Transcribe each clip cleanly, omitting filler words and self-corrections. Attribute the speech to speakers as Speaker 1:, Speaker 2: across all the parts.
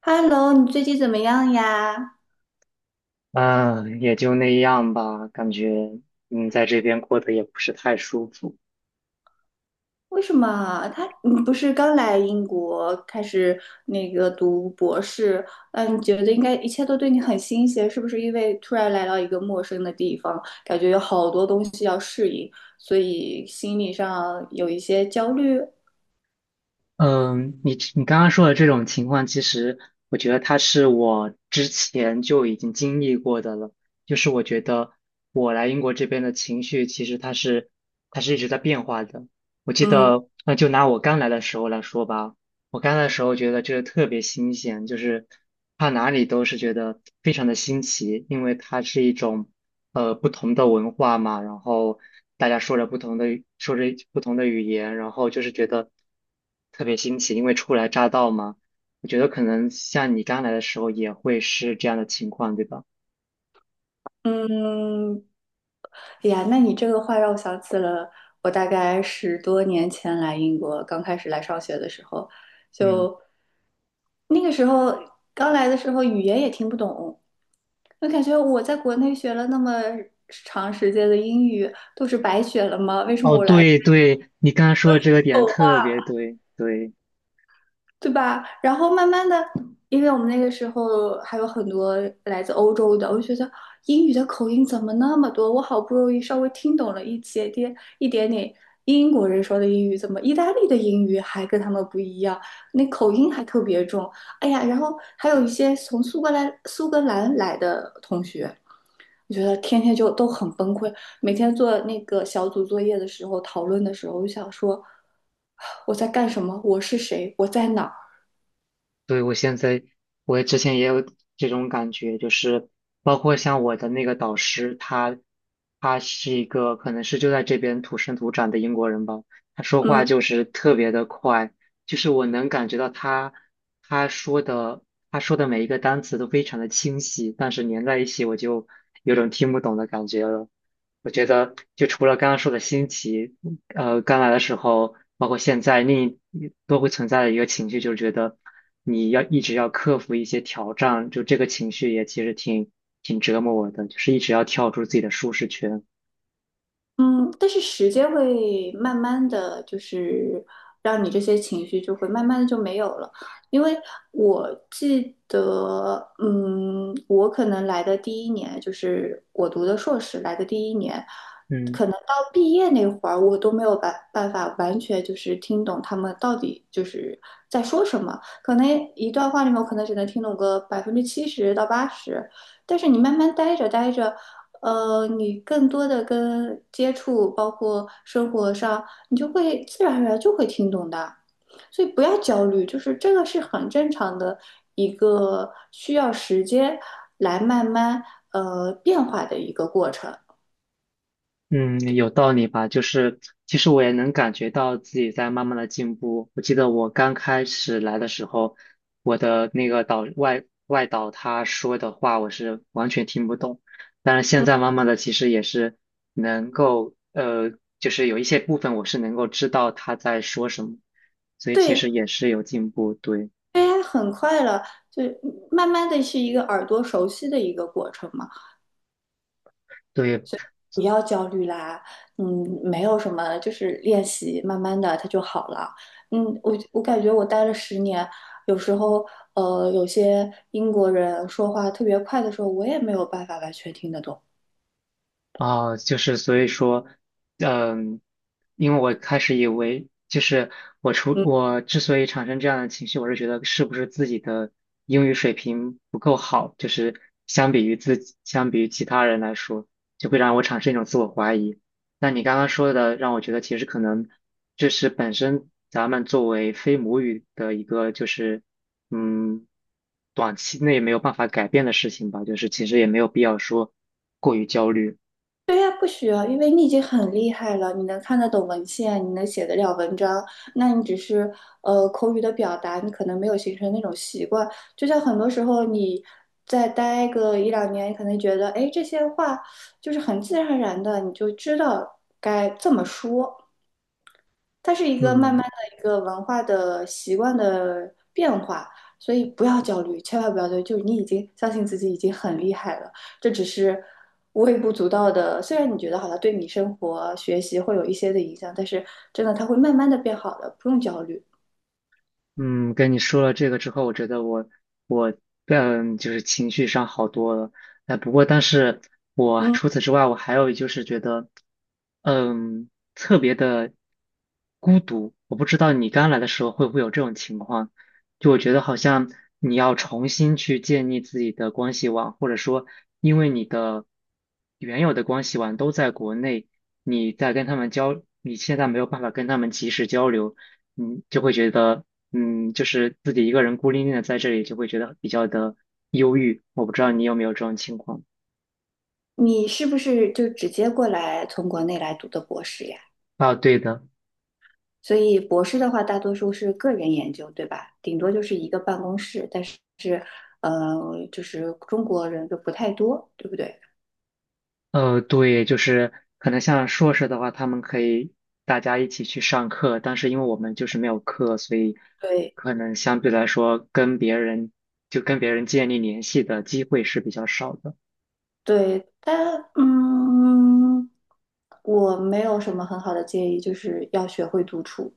Speaker 1: Hello，你最近怎么样呀？
Speaker 2: 嗯，也就那样吧，感觉在这边过得也不是太舒服。
Speaker 1: 为什么你不是刚来英国开始那个读博士？嗯，你觉得应该一切都对你很新鲜，是不是？因为突然来到一个陌生的地方，感觉有好多东西要适应，所以心理上有一些焦虑。
Speaker 2: 嗯，你刚刚说的这种情况，其实我觉得他是我之前就已经经历过的了。就是我觉得我来英国这边的情绪，其实它是一直在变化的。我记
Speaker 1: 嗯
Speaker 2: 得，那就拿我刚来的时候来说吧，我刚的时候觉得这个特别新鲜，就是它哪里都是觉得非常的新奇，因为它是一种不同的文化嘛，然后大家说着不同的语说着不同的语言，然后就是觉得特别新奇，因为初来乍到嘛。我觉得可能像你刚来的时候也会是这样的情况，对吧？
Speaker 1: 嗯，哎呀，那你这个话让我想起了我大概10多年前来英国，刚开始来上学的时候，
Speaker 2: 嗯，
Speaker 1: 就。那个时候刚来的时候，语言也听不懂，我感觉我在国内学了那么长时间的英语，都是白学了吗？为什么
Speaker 2: 哦，
Speaker 1: 我来了？
Speaker 2: 对对，你刚刚说的这个点特别对，对。
Speaker 1: 对吧？然后慢慢的，因为我们那个时候还有很多来自欧洲的，我就觉得英语的口音怎么那么多？我好不容易稍微听懂了一点点英国人说的英语，怎么意大利的英语还跟他们不一样？那口音还特别重。哎呀，然后还有一些从苏格兰来的同学。我觉得天天就都很崩溃，每天做那个小组作业的时候，讨论的时候，我就想说，我在干什么？我是谁？我在哪儿？
Speaker 2: 对，我现在，我之前也有这种感觉，就是包括像我的那个导师，他是一个可能是就在这边土生土长的英国人吧，他说话
Speaker 1: 嗯，
Speaker 2: 就是特别的快，就是我能感觉到他说的他说的每一个单词都非常的清晰，但是连在一起我就有种听不懂的感觉了。我觉得就除了刚刚说的新奇，刚来的时候，包括现在，另一都会存在的一个情绪，就是觉得你要一直要克服一些挑战，就这个情绪也其实挺折磨我的，就是一直要跳出自己的舒适圈。
Speaker 1: 嗯，但是时间会慢慢的就是让你这些情绪就会慢慢的就没有了，因为我记得，嗯，我可能来的第一年就是我读的硕士来的第一年，
Speaker 2: 嗯。
Speaker 1: 可能到毕业那会儿，我都没有办法完全就是听懂他们到底就是在说什么，可能一段话里面我可能只能听懂个70%到80%，但是你慢慢待着待着。你更多的跟接触，包括生活上，你就会自然而然就会听懂的，所以不要焦虑，就是这个是很正常的一个需要时间来慢慢变化的一个过程。
Speaker 2: 嗯，有道理吧？就是其实我也能感觉到自己在慢慢的进步。我记得我刚开始来的时候，我的那个外导他说的话，我是完全听不懂。但是现在慢慢的，其实也是能够就是有一些部分我是能够知道他在说什么，所以其
Speaker 1: 对
Speaker 2: 实也是有进步。对
Speaker 1: ，AI 很快了，就慢慢的是一个耳朵熟悉的一个过程嘛。
Speaker 2: 对，
Speaker 1: 不要焦虑啦，嗯，没有什么，就是练习，慢慢的它就好了。嗯，我感觉我待了10年，有时候有些英国人说话特别快的时候，我也没有办法完全听得懂。
Speaker 2: 啊，就是所以说，嗯，因为我开始以为，就是
Speaker 1: 嗯。
Speaker 2: 我之所以产生这样的情绪，我是觉得是不是自己的英语水平不够好，就是相比于自己，相比于其他人来说，就会让我产生一种自我怀疑。那你刚刚说的，让我觉得其实可能这是本身咱们作为非母语的一个，就是嗯，短期内没有办法改变的事情吧，就是其实也没有必要说过于焦虑。
Speaker 1: 对呀，不需要，因为你已经很厉害了，你能看得懂文献，你能写得了文章，那你只是口语的表达，你可能没有形成那种习惯。就像很多时候你再待个一两年，你可能觉得，哎，这些话就是很自然而然的，你就知道该这么说。它是一个慢慢
Speaker 2: 嗯
Speaker 1: 的一个文化的习惯的变化，所以不要焦虑，千万不要焦虑，就是你已经相信自己已经很厉害了，这只是微不足道的。虽然你觉得好像对你生活、学习会有一些的影响，但是真的它会慢慢的变好的，不用焦虑。
Speaker 2: 嗯，跟你说了这个之后，我觉得我嗯就是情绪上好多了。哎，不过但是我
Speaker 1: 嗯，
Speaker 2: 除此之外，我还有就是觉得，嗯，特别的孤独。我不知道你刚来的时候会不会有这种情况，就我觉得好像你要重新去建立自己的关系网，或者说因为你的原有的关系网都在国内，你在跟他们交，你现在没有办法跟他们及时交流。嗯，就会觉得，就是自己一个人孤零零的在这里，就会觉得比较的忧郁。我不知道你有没有这种情况
Speaker 1: 你是不是就直接过来从国内来读的博士呀？
Speaker 2: 啊？对的，
Speaker 1: 所以博士的话，大多数是个人研究，对吧？顶多就是一个办公室，但是就是中国人就不太多，对不对？
Speaker 2: 呃，对，就是可能像硕士的话，他们可以大家一起去上课，但是因为我们就是没有课，所以
Speaker 1: 对
Speaker 2: 可能相对来说跟别人就跟别人建立联系的机会是比较少的。
Speaker 1: 对，但嗯，我没有什么很好的建议，就是要学会独处，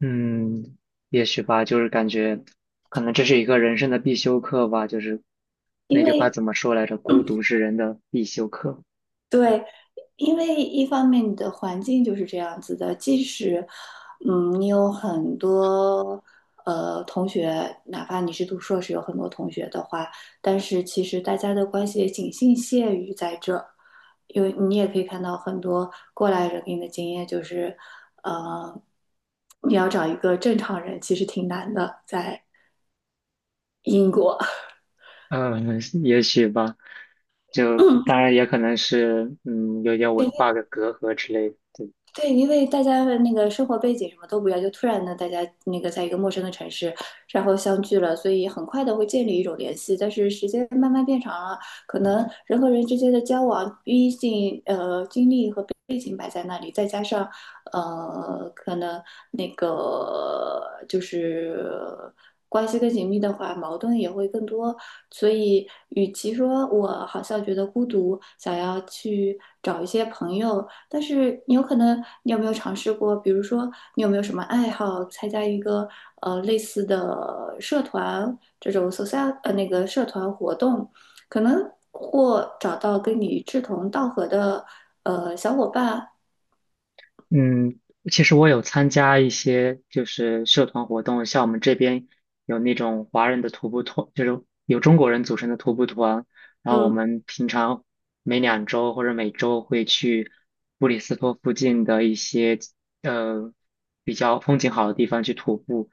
Speaker 2: 嗯，也许吧，就是感觉可能这是一个人生的必修课吧，就是
Speaker 1: 因
Speaker 2: 那句话
Speaker 1: 为
Speaker 2: 怎么说来着？孤独是人的必修课。
Speaker 1: 对，因为一方面你的环境就是这样子的，即使，嗯，你有很多同学，哪怕你是读硕士，有很多同学的话，但是其实大家的关系也仅限于在这因为你也可以看到很多过来人给你的经验，就是，呃，你要找一个正常人其实挺难的，在英国。
Speaker 2: 嗯，也许吧，就当然 也可能是有点文 化的隔阂之类的。
Speaker 1: 对，因为大家的那个生活背景什么都不一样，就突然呢，大家那个在一个陌生的城市，然后相聚了，所以很快的会建立一种联系。但是时间慢慢变长了，可能人和人之间的交往，毕竟经历和背景摆在那里，再加上可能那个就是关系更紧密的话，矛盾也会更多。所以，与其说我好像觉得孤独，想要去找一些朋友。但是你有可能，你有没有尝试过？比如说，你有没有什么爱好？参加一个类似的社团，这种 social 那个社团活动，可能或找到跟你志同道合的小伙伴。
Speaker 2: 嗯，其实我有参加一些就是社团活动，像我们这边有那种华人的徒步团，就是有中国人组成的徒步团，然后我
Speaker 1: 嗯，
Speaker 2: 们平常每两周或者每周会去布里斯托附近的一些呃比较风景好的地方去徒步。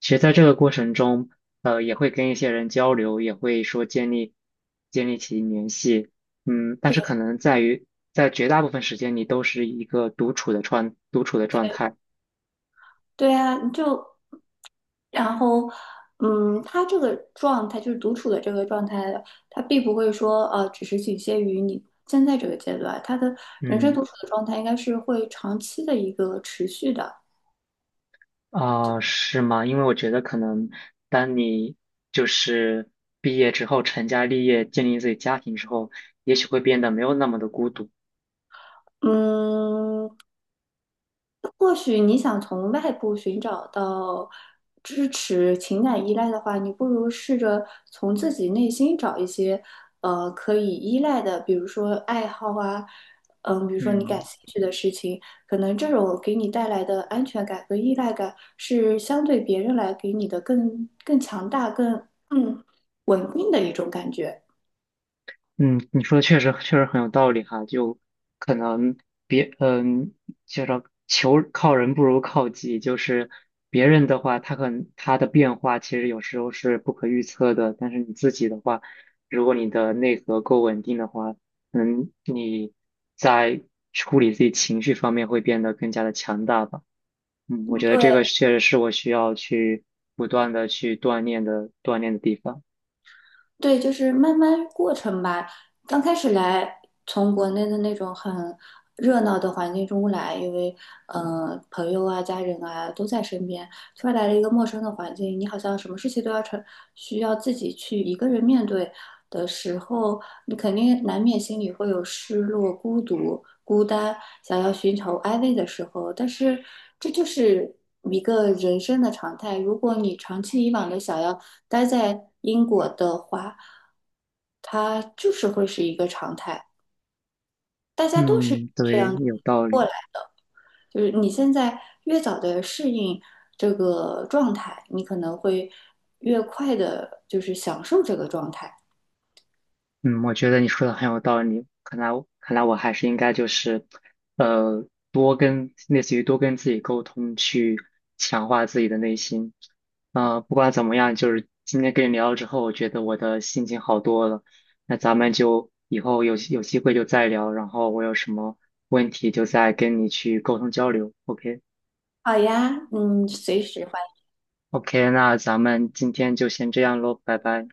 Speaker 2: 其实在这个过程中，也会跟一些人交流，也会说建立起联系。嗯，但是
Speaker 1: 对。
Speaker 2: 可能在于在绝大部分时间你都是一个独处的状态。
Speaker 1: 对啊，你就然后，嗯，他这个状态就是独处的这个状态，他并不会说只是仅限于你现在这个阶段，他的人生
Speaker 2: 嗯，
Speaker 1: 独处的状态应该是会长期的一个持续的。
Speaker 2: 啊、是吗？因为我觉得可能当你就是毕业之后成家立业，建立自己家庭之后，也许会变得没有那么的孤独。
Speaker 1: 嗯，或许你想从外部寻找到支持、情感依赖的话，你不如试着从自己内心找一些，可以依赖的，比如说爱好啊，嗯，比如说你感
Speaker 2: 嗯。
Speaker 1: 兴趣的事情，可能这种给你带来的安全感和依赖感是相对别人来给你的更强大、更稳定的一种感觉。
Speaker 2: 嗯，你说的确实很有道理哈，就可能别嗯，就是求靠人不如靠己，就是别人的话，他可能他的变化其实有时候是不可预测的，但是你自己的话，如果你的内核够稳定的话，嗯，你在处理自己情绪方面会变得更加的强大吧。嗯，我觉得这
Speaker 1: 对。
Speaker 2: 个确实是我需要去不断的去锻炼的地方。
Speaker 1: 对，就是慢慢过程吧。刚开始来，从国内的那种很热闹的环境中来，因为嗯，朋友啊、家人啊都在身边。突然来了一个陌生的环境，你好像什么事情都要成，需要自己去一个人面对的时候，你肯定难免心里会有失落、孤独、孤单，想要寻求安慰的时候。但是这就是一个人生的常态。如果你长期以往的想要待在英国的话，它就是会是一个常态，大家都是
Speaker 2: 嗯，
Speaker 1: 这
Speaker 2: 对，
Speaker 1: 样
Speaker 2: 有道
Speaker 1: 过
Speaker 2: 理。
Speaker 1: 来。就是你现在越早的适应这个状态，你可能会越快的，就是享受这个状态。
Speaker 2: 嗯，我觉得你说的很有道理。看来我还是应该就是，呃，多跟类似于多跟自己沟通，去强化自己的内心。呃，不管怎么样，就是今天跟你聊了之后，我觉得我的心情好多了。那咱们就以后有机会就再聊，然后我有什么问题就再跟你去沟通交流。
Speaker 1: 好呀，嗯，随时。
Speaker 2: OK，OK，那咱们今天就先这样喽，拜拜。